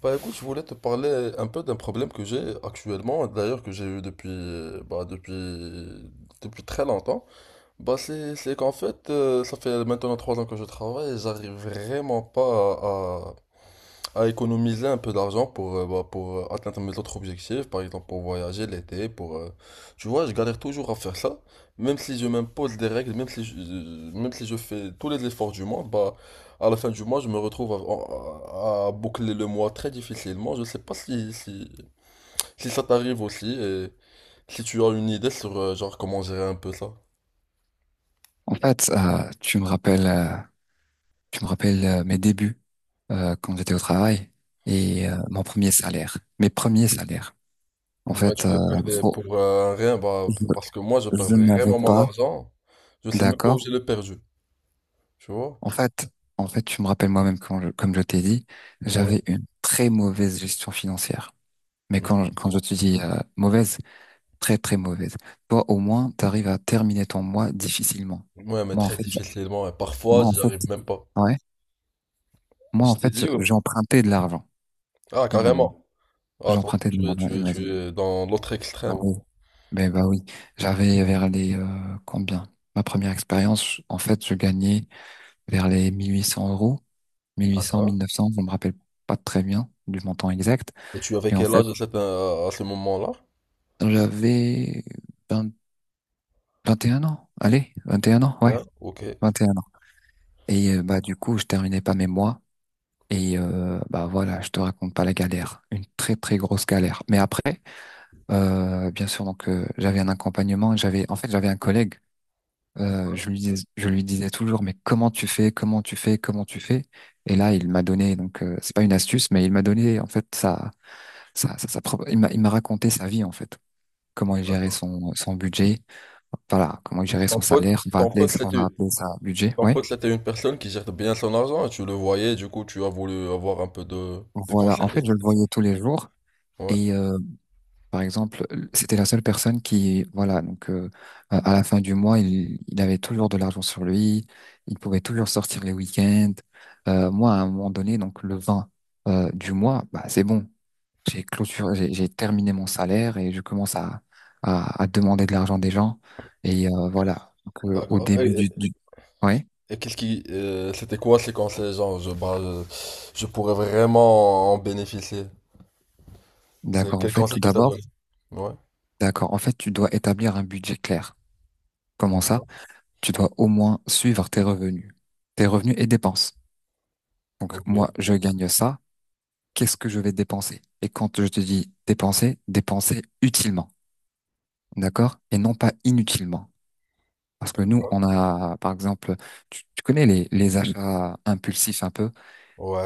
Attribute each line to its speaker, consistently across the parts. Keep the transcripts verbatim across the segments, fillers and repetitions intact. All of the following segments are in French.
Speaker 1: Bah écoute, je voulais te parler un peu d'un problème que j'ai actuellement, d'ailleurs que j'ai eu depuis, euh, bah, depuis, depuis très longtemps. Bah c'est, c'est qu'en fait, euh, ça fait maintenant trois ans que je travaille et j'arrive vraiment pas à économiser un peu d'argent pour, euh, bah, pour euh, atteindre mes autres objectifs, par exemple pour voyager l'été, pour... euh, tu vois, je galère toujours à faire ça, même si je m'impose des règles, même si je, je- même si je fais tous les efforts du monde, bah, à la fin du mois, je me retrouve à, à- à boucler le mois très difficilement. Je sais pas si, si, si ça t'arrive aussi, et si tu as une idée sur euh, genre comment gérer un peu ça.
Speaker 2: En fait, euh, tu me rappelles, euh, tu me rappelles euh, mes débuts euh, quand j'étais au travail et euh, mon premier salaire, mes premiers salaires. En
Speaker 1: Moi,
Speaker 2: fait,
Speaker 1: tu le
Speaker 2: euh,
Speaker 1: perdais
Speaker 2: faut-
Speaker 1: pour euh, rien, bah,
Speaker 2: je,
Speaker 1: parce que moi, je perds
Speaker 2: je n'avais
Speaker 1: vraiment mon
Speaker 2: pas,
Speaker 1: argent. Je sais même pas où
Speaker 2: d'accord.
Speaker 1: j'ai le perdu, tu vois?
Speaker 2: En fait, en fait, tu me rappelles moi-même quand je- comme je t'ai dit,
Speaker 1: Ouais.
Speaker 2: j'avais une très mauvaise gestion financière. Mais
Speaker 1: Mm.
Speaker 2: quand, quand je te dis euh, mauvaise, très très mauvaise. Toi, au moins, t'arrives à terminer ton mois difficilement.
Speaker 1: Ouais, mais
Speaker 2: Moi, en
Speaker 1: très
Speaker 2: fait, j'-
Speaker 1: difficilement. Et parfois,
Speaker 2: moi, en
Speaker 1: j'y
Speaker 2: fait,
Speaker 1: arrive même pas.
Speaker 2: ouais, moi, en
Speaker 1: Je t'ai
Speaker 2: fait,
Speaker 1: dit, ouais.
Speaker 2: j'empruntais de l'argent.
Speaker 1: Ah, carrément. Ah, toi,
Speaker 2: J'empruntais de
Speaker 1: tu es,
Speaker 2: l'argent,
Speaker 1: tu es, tu
Speaker 2: imagine.
Speaker 1: es dans l'autre
Speaker 2: Bah
Speaker 1: extrême.
Speaker 2: oui. Ben bah oui. J'avais vers les euh, combien? Ma première expérience, je- en fait, je gagnais vers les mille huit cents euros, mille huit cents,
Speaker 1: D'accord.
Speaker 2: mille neuf cents, je me rappelle pas très bien du montant exact.
Speaker 1: Et tu avais
Speaker 2: Mais en
Speaker 1: quel
Speaker 2: fait,
Speaker 1: âge à, cette- euh, à ce moment-là?
Speaker 2: j'avais vingt vingt et un ans. Allez, vingt et un ans, ouais,
Speaker 1: Hein, ok.
Speaker 2: vingt et un ans. Et euh, bah du coup, je terminais pas mes mois. Et euh, bah voilà, je te raconte pas la galère, une très très grosse galère. Mais après, euh, bien sûr, donc euh, j'avais un accompagnement. J'avais, en fait, j'avais un collègue. Euh, je lui dis, je lui disais toujours, mais comment tu fais, comment tu fais, comment tu fais? Et là, il m'a donné, donc euh, c'est pas une astuce, mais il m'a donné en fait sa, sa, sa, sa propre, il m'a, il m'a raconté sa vie en fait, comment il gérait
Speaker 1: D'accord.
Speaker 2: son, son budget, voilà, comment il
Speaker 1: Et
Speaker 2: gérait
Speaker 1: Ton
Speaker 2: son
Speaker 1: pote,
Speaker 2: salaire, on va
Speaker 1: ton
Speaker 2: appeler,
Speaker 1: pote,
Speaker 2: on va
Speaker 1: c'était,
Speaker 2: appeler ça budget,
Speaker 1: ton
Speaker 2: ouais.
Speaker 1: pote, c'était une personne qui gère bien son argent et tu le voyais, du coup, tu as voulu avoir un peu de, de
Speaker 2: Voilà, en
Speaker 1: conseils,
Speaker 2: fait, je le
Speaker 1: c'est ça?
Speaker 2: voyais tous les jours
Speaker 1: Ouais.
Speaker 2: et euh, par exemple, c'était la seule personne qui, voilà, donc euh, à à la fin du mois, il, il avait toujours de l'argent sur lui, il pouvait toujours sortir les week-ends. Euh, moi, à un moment donné, donc le vingt euh, du mois, bah, c'est bon, j'ai clôturé, j'ai j'ai terminé mon salaire et je commence à, à, à demander de l'argent des gens. Et euh, voilà, donc, euh, au
Speaker 1: D'accord. Et,
Speaker 2: début
Speaker 1: et-
Speaker 2: du, du... Ouais,
Speaker 1: et qu'est-ce qui, euh, c'était quoi ces conseils, genre, je, bah, je, je pourrais vraiment en bénéficier. C'est
Speaker 2: d'accord, en
Speaker 1: quel
Speaker 2: fait, tout
Speaker 1: conseil qu'il t'a
Speaker 2: d'abord,
Speaker 1: donné? Ouais,
Speaker 2: d'accord, en fait, tu dois établir un budget clair. Comment ça?
Speaker 1: d'accord,
Speaker 2: Tu dois au moins suivre tes revenus, tes revenus et dépenses. Donc
Speaker 1: ok,
Speaker 2: moi, je gagne ça. Qu'est-ce que je vais dépenser? Et quand je te dis dépenser, dépenser utilement, d'accord? Et non pas inutilement. Parce que nous,
Speaker 1: d'accord.
Speaker 2: on a, par exemple, tu, tu connais les, les achats impulsifs un peu,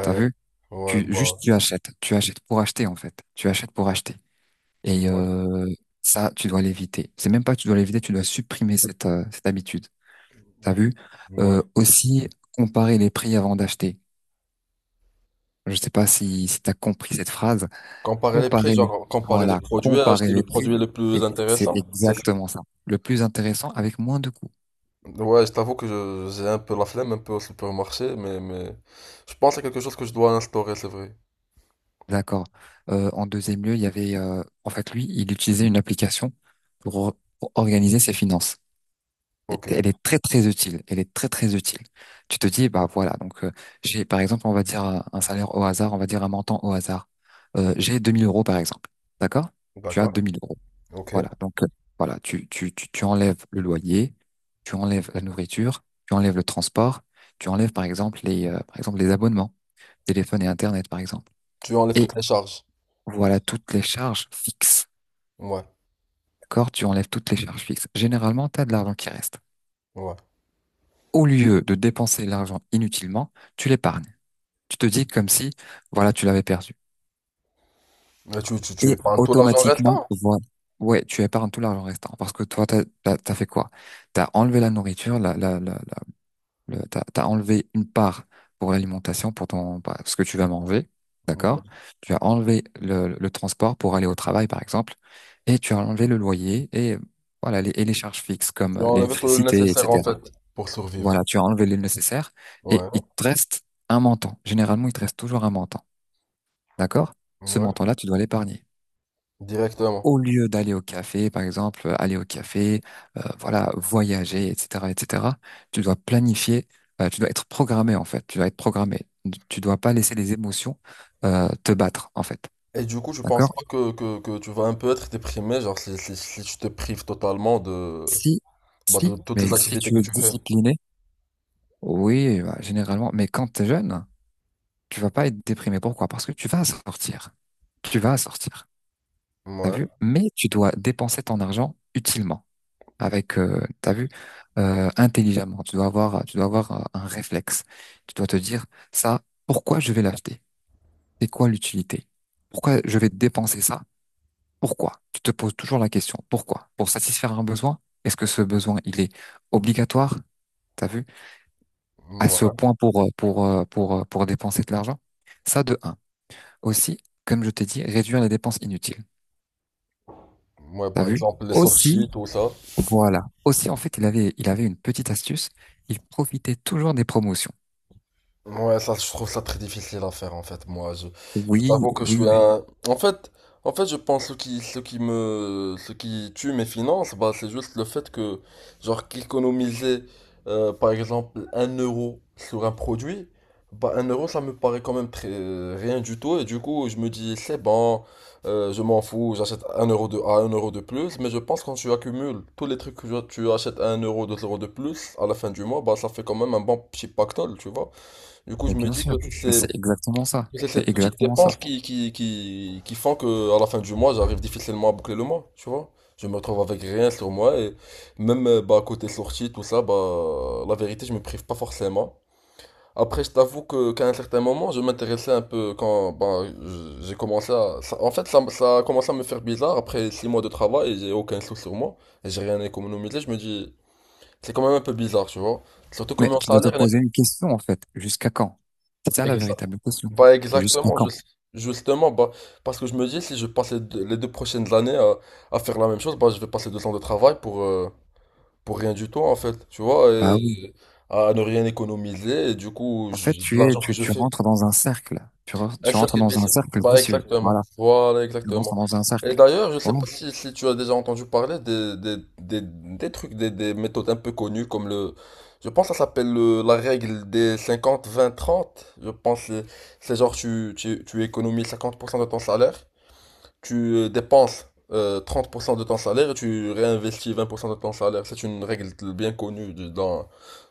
Speaker 2: t'as vu?
Speaker 1: ouais,
Speaker 2: Tu,
Speaker 1: bah,
Speaker 2: juste tu achètes, tu achètes pour acheter en fait, tu achètes pour acheter. Et
Speaker 1: ouais,
Speaker 2: euh, ça, tu dois l'éviter. C'est même pas que tu dois l'éviter, tu dois supprimer cette, euh, cette habitude, t'as vu?
Speaker 1: ouais.
Speaker 2: Euh, aussi, comparer les prix avant d'acheter. Je sais pas si, si t'as compris cette phrase.
Speaker 1: Comparer les prix,
Speaker 2: Comparer les,
Speaker 1: genre comparer les
Speaker 2: voilà,
Speaker 1: produits,
Speaker 2: comparer
Speaker 1: acheter
Speaker 2: les
Speaker 1: le
Speaker 2: prix,
Speaker 1: produit le
Speaker 2: et
Speaker 1: plus
Speaker 2: c'est
Speaker 1: intéressant, c'est ça?
Speaker 2: exactement ça. Le plus intéressant avec moins de coûts.
Speaker 1: Ouais, je t'avoue que je- j'ai un peu la flemme, un peu au supermarché, mais, mais je pense à quelque chose que je dois instaurer, c'est vrai.
Speaker 2: D'accord. Euh, en deuxième lieu, il y avait, euh, en fait, lui, il utilisait une application pour, pour organiser ses finances. Et-
Speaker 1: Ok,
Speaker 2: Elle est très très utile. Elle est très très utile. Tu te dis, bah voilà, donc euh, j'ai, par exemple, on va dire un un salaire au hasard, on va dire un montant au hasard. Euh, j'ai deux mille euros par exemple. D'accord? Tu as
Speaker 1: d'accord,
Speaker 2: deux mille euros.
Speaker 1: ok.
Speaker 2: Voilà, donc euh, voilà, tu, tu, tu, tu enlèves le loyer, tu enlèves la nourriture, tu enlèves le transport, tu enlèves par exemple les, euh, par exemple les abonnements, téléphone et Internet par exemple.
Speaker 1: Tu enlèves
Speaker 2: Et
Speaker 1: toutes les charges.
Speaker 2: voilà toutes les charges fixes.
Speaker 1: Ouais,
Speaker 2: D'accord? Tu enlèves toutes les charges fixes. Généralement, tu as de l'argent qui reste.
Speaker 1: ouais.
Speaker 2: Au lieu de dépenser l'argent inutilement, tu l'épargnes. Tu te dis comme si, voilà, tu l'avais perdu.
Speaker 1: Mais tu, tu, tu
Speaker 2: Et
Speaker 1: épargnes tout l'argent
Speaker 2: automatiquement,
Speaker 1: restant.
Speaker 2: voilà. Ouais, tu épargnes tout l'argent restant. Parce que toi, t'as, t'as, t'as fait quoi? T'as enlevé la nourriture, la, la, la, Le- T'as, t'as enlevé une part pour l'alimentation, pour ton, bah, ce que tu vas manger, d'accord? Tu as enlevé le, le transport pour aller au travail, par exemple, et tu as enlevé le loyer et euh, voilà les, et les charges fixes comme
Speaker 1: Tu
Speaker 2: euh,
Speaker 1: enlèves tout le
Speaker 2: l'électricité,
Speaker 1: nécessaire en
Speaker 2: et cetera.
Speaker 1: fait pour survivre.
Speaker 2: Voilà, tu as enlevé le nécessaire et
Speaker 1: Ouais,
Speaker 2: il te reste un montant. Généralement, il te reste toujours un montant, d'accord? Ce
Speaker 1: ouais,
Speaker 2: montant-là, tu dois l'épargner
Speaker 1: directement.
Speaker 2: au lieu d'aller au café, par exemple, euh, aller au café, euh, voilà, voyager, et cetera, et cetera, tu dois planifier, euh, tu dois être programmé, en fait, tu dois être programmé. Tu dois pas laisser les émotions, euh, te battre, en fait.
Speaker 1: Et du coup, je pense
Speaker 2: D'accord?
Speaker 1: pas que, que, que tu vas un peu être déprimé, genre si, si, si tu te prives totalement de,
Speaker 2: Si,
Speaker 1: bah, de
Speaker 2: si,
Speaker 1: toutes
Speaker 2: mais
Speaker 1: les
Speaker 2: si tu
Speaker 1: activités que
Speaker 2: es
Speaker 1: tu fais.
Speaker 2: discipliné, oui, bah, généralement, mais quand tu es jeune, tu vas pas être déprimé. Pourquoi? Parce que tu vas sortir. Tu vas sortir. T'as
Speaker 1: Ouais,
Speaker 2: vu? Mais tu dois dépenser ton argent utilement. avec, euh, t'as vu, euh, intelligemment. Tu dois avoir, tu dois avoir euh, un réflexe. Tu dois te dire, ça, pourquoi je vais l'acheter? C'est quoi l'utilité? Pourquoi je vais dépenser ça? Pourquoi? Tu te poses toujours la question, pourquoi? Pour satisfaire un besoin? Est-ce que ce besoin, il est obligatoire? T'as vu? À ce
Speaker 1: ouais,
Speaker 2: point pour, euh, pour, euh, pour, euh, pour dépenser de l'argent? Ça, de un. Aussi, comme je t'ai dit, réduire les dépenses inutiles.
Speaker 1: ouais,
Speaker 2: T'as
Speaker 1: par
Speaker 2: vu?
Speaker 1: exemple les
Speaker 2: Aussi,
Speaker 1: sorties, tout ça.
Speaker 2: voilà. Aussi, en fait, il avait, il avait une petite astuce. Il profitait toujours des promotions.
Speaker 1: Ouais, ça, je trouve ça très difficile à faire en fait. Moi, je, je
Speaker 2: Oui,
Speaker 1: t'avoue que je
Speaker 2: oui,
Speaker 1: suis
Speaker 2: mais,
Speaker 1: un. En fait, en fait, je pense ce qui, ce qui me, ce qui tue mes finances, bah, c'est juste le fait que, genre, qu'économiser, euh, par exemple, un euro sur un produit, bah, un euro, ça me paraît quand même très rien du tout. Et du coup, je me dis, c'est bon, euh, je m'en fous, j'achète un euro de, à un euro de plus. Mais je pense quand tu accumules tous les trucs que tu achètes à un euro, deux euros de plus, à la fin du mois, bah, ça fait quand même un bon petit pactole, tu vois. Du coup, je
Speaker 2: mais
Speaker 1: me
Speaker 2: bien
Speaker 1: dis que
Speaker 2: sûr.
Speaker 1: c'est
Speaker 2: Mais
Speaker 1: ces
Speaker 2: c'est exactement ça.
Speaker 1: c'est ces
Speaker 2: C'est
Speaker 1: petites
Speaker 2: exactement ça.
Speaker 1: dépenses qui, qui, qui, qui font que à la fin du mois, j'arrive difficilement à boucler le mois, tu vois. Je me retrouve avec rien sur moi et même euh, bah, côté sortie, tout ça, bah, la vérité, je me prive pas forcément. Après, je t'avoue que qu'à un certain moment, je m'intéressais un peu quand bah, je- j'ai commencé à... ça- en fait, ça, m- ça a commencé à me faire bizarre après six mois de travail et j'ai aucun sou sur moi et j'ai rien économisé. Je me dis, c'est quand même un peu bizarre, tu vois. Surtout que
Speaker 2: Mais
Speaker 1: mon
Speaker 2: tu dois te
Speaker 1: salaire.
Speaker 2: poser une question, en fait. Jusqu'à quand? C'est ça la
Speaker 1: Exa-
Speaker 2: véritable question.
Speaker 1: Bah
Speaker 2: Jusqu'à
Speaker 1: exactement,
Speaker 2: quand?
Speaker 1: jus- justement, bah, parce que je me dis, si je passe les deux, les deux prochaines années à, à faire la même chose, bah, je vais passer deux ans de travail pour, euh, pour rien du tout, en fait, tu vois,
Speaker 2: Bah oui.
Speaker 1: et à ne rien économiser, et du coup,
Speaker 2: En fait,
Speaker 1: je-
Speaker 2: tu es,
Speaker 1: l'argent que
Speaker 2: tu,
Speaker 1: je
Speaker 2: tu
Speaker 1: fais,
Speaker 2: rentres dans un cercle. Tu, re-
Speaker 1: un
Speaker 2: tu rentres
Speaker 1: circuit
Speaker 2: dans un
Speaker 1: vicieux.
Speaker 2: cercle
Speaker 1: Bah
Speaker 2: vicieux.
Speaker 1: exactement.
Speaker 2: Voilà.
Speaker 1: Voilà,
Speaker 2: Tu rentres
Speaker 1: exactement.
Speaker 2: dans un
Speaker 1: Et
Speaker 2: cercle.
Speaker 1: d'ailleurs, je sais
Speaker 2: Bon,
Speaker 1: pas si, si tu as déjà entendu parler des, des, des, des trucs, des, des méthodes un peu connues comme le... Je pense que ça s'appelle le- la règle des cinquante vingt trente. Je pense que c'est genre tu, tu, tu économises cinquante pour cent de ton salaire, tu euh, dépenses euh, trente pour cent de ton salaire et tu réinvestis vingt pour cent de ton salaire. C'est une règle bien connue de- dans,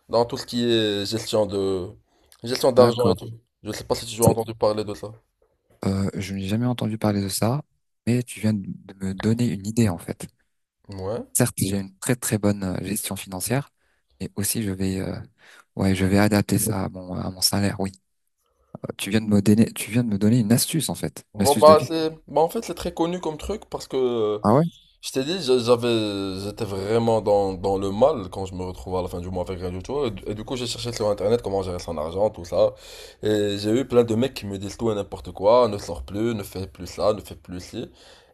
Speaker 1: dans tout ce qui est gestion de gestion d'argent et
Speaker 2: d'accord.
Speaker 1: tout. Je sais pas si tu as entendu parler de ça.
Speaker 2: Euh, je n'ai jamais entendu parler de ça, mais tu viens de de me donner une idée, en fait.
Speaker 1: Ouais.
Speaker 2: Certes, j'ai une très très bonne euh, gestion financière, mais aussi je vais, euh, ouais, je vais adapter ça à mon, à mon salaire. Oui. Tu viens de me donner, tu viens de me donner une astuce, en fait. Une
Speaker 1: Bon,
Speaker 2: astuce de
Speaker 1: bah,
Speaker 2: vie.
Speaker 1: c'est... bah, en fait, c'est très connu comme truc parce que, euh,
Speaker 2: Ah ouais?
Speaker 1: je t'ai dit, j'a- j'avais, j'étais vraiment dans, dans le mal quand je me retrouvais à la fin du mois avec rien du tout. Et, du et du coup, j'ai cherché sur Internet comment gérer son argent, tout ça. Et j'ai eu plein de mecs qui me disent tout et n'importe quoi, ne sors plus, ne fais plus ça, ne fais plus ci.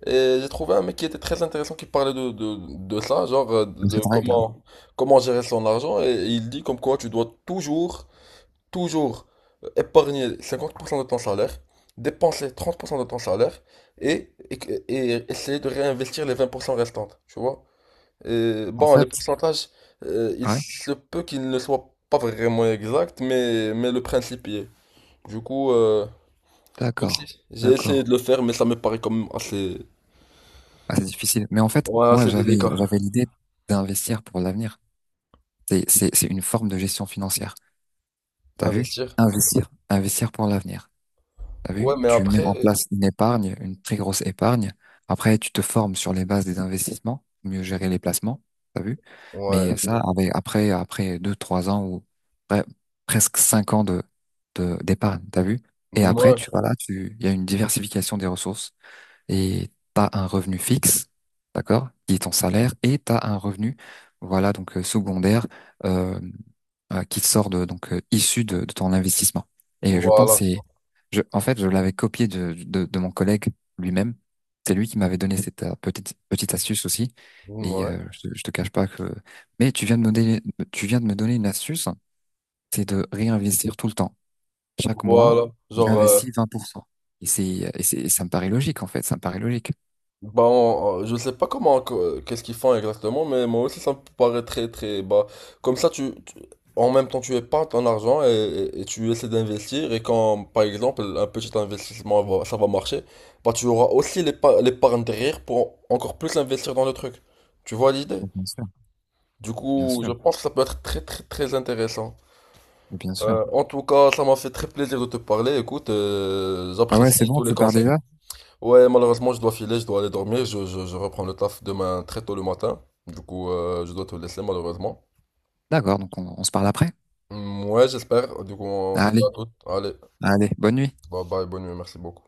Speaker 1: Et j'ai trouvé un mec qui était très intéressant qui parlait de, de, de ça, genre euh,
Speaker 2: De
Speaker 1: de
Speaker 2: Cette règle.
Speaker 1: comment, comment gérer son argent. Et il dit comme quoi tu dois toujours toujours euh, épargner cinquante pour cent de ton salaire, dépenser trente pour cent de ton salaire et, et, et essayer de réinvestir les vingt pour cent restantes, tu vois. Et,
Speaker 2: En
Speaker 1: bon, les
Speaker 2: fait,
Speaker 1: pourcentages, euh, il
Speaker 2: ah ouais.
Speaker 1: se peut qu'ils ne soient pas vraiment exacts, mais, mais le principe y est. Du coup, euh, même si
Speaker 2: D'accord,
Speaker 1: j'ai essayé
Speaker 2: d'accord.
Speaker 1: de le faire, mais ça me paraît quand même assez,
Speaker 2: Ah, c'est difficile. Mais en fait,
Speaker 1: ouais,
Speaker 2: moi,
Speaker 1: assez
Speaker 2: j'avais,
Speaker 1: délicat.
Speaker 2: j'avais l'idée d'investir pour l'avenir. C'est, c'est, c'est une forme de gestion financière. T'as vu?
Speaker 1: Investir.
Speaker 2: Investir, investir pour l'avenir. T'as vu?
Speaker 1: Ouais, mais
Speaker 2: Tu mets en
Speaker 1: après,
Speaker 2: place une épargne, une très grosse épargne. Après, tu te formes sur les bases des investissements, mieux gérer les placements. T'as vu? Mais
Speaker 1: ouais,
Speaker 2: Ok.
Speaker 1: tu
Speaker 2: ça,
Speaker 1: vois.
Speaker 2: avec, après, après deux, trois ans ou pre- presque cinq ans de, de, d'épargne, t'as vu? Et après,
Speaker 1: Ouais,
Speaker 2: tu voilà, tu, il y a une diversification des ressources et t'as un revenu fixe, d'accord, qui est ton salaire, et t'as un revenu, voilà, donc euh, secondaire, euh, euh, qui te sort de, donc euh, issu de, de ton investissement. Et je pense,
Speaker 1: voilà.
Speaker 2: et je, en fait, je l'avais copié de, de, de mon collègue lui-même. C'est lui qui m'avait donné cette euh, petite petite astuce aussi. Et
Speaker 1: Ouais,
Speaker 2: euh, je, te- je te cache pas que. Mais tu viens de me donner, tu viens de me donner une astuce, c'est de réinvestir tout le temps. Chaque mois,
Speaker 1: voilà. Genre, euh,
Speaker 2: j'investis vingt pour cent. Et c'est, et c'est, et ça me paraît logique en fait. Ça me paraît logique.
Speaker 1: Bon, euh, je sais pas comment, que- qu'est-ce qu'ils font exactement, mais moi aussi ça me paraît très très bas. Comme ça, tu, tu- en même temps, tu épargnes ton argent et, et- et tu essaies d'investir. Et quand, par exemple, un petit investissement va- ça va marcher, bah tu auras aussi l'épa- l'épargne derrière pour encore plus investir dans le truc. Tu vois l'idée?
Speaker 2: Oh, bien sûr,
Speaker 1: Du
Speaker 2: bien
Speaker 1: coup, je
Speaker 2: sûr,
Speaker 1: pense que ça peut être très très très intéressant.
Speaker 2: bien sûr.
Speaker 1: Euh, en tout cas, ça m'a fait très plaisir de te parler. Écoute, euh,
Speaker 2: Ah ouais, c'est
Speaker 1: j'apprécie
Speaker 2: bon,
Speaker 1: tous les
Speaker 2: tu pars
Speaker 1: conseils.
Speaker 2: déjà?
Speaker 1: Ouais, malheureusement, je dois filer, je dois aller dormir. Je, je- je reprends le taf demain très tôt le matin. Du coup, euh, je dois te laisser, malheureusement.
Speaker 2: D'accord, donc on, on se parle après.
Speaker 1: Mm, ouais, j'espère. Du coup, on se dit
Speaker 2: Allez,
Speaker 1: à toutes. Allez,
Speaker 2: allez, bonne nuit.
Speaker 1: bye bye, bonne nuit, merci beaucoup.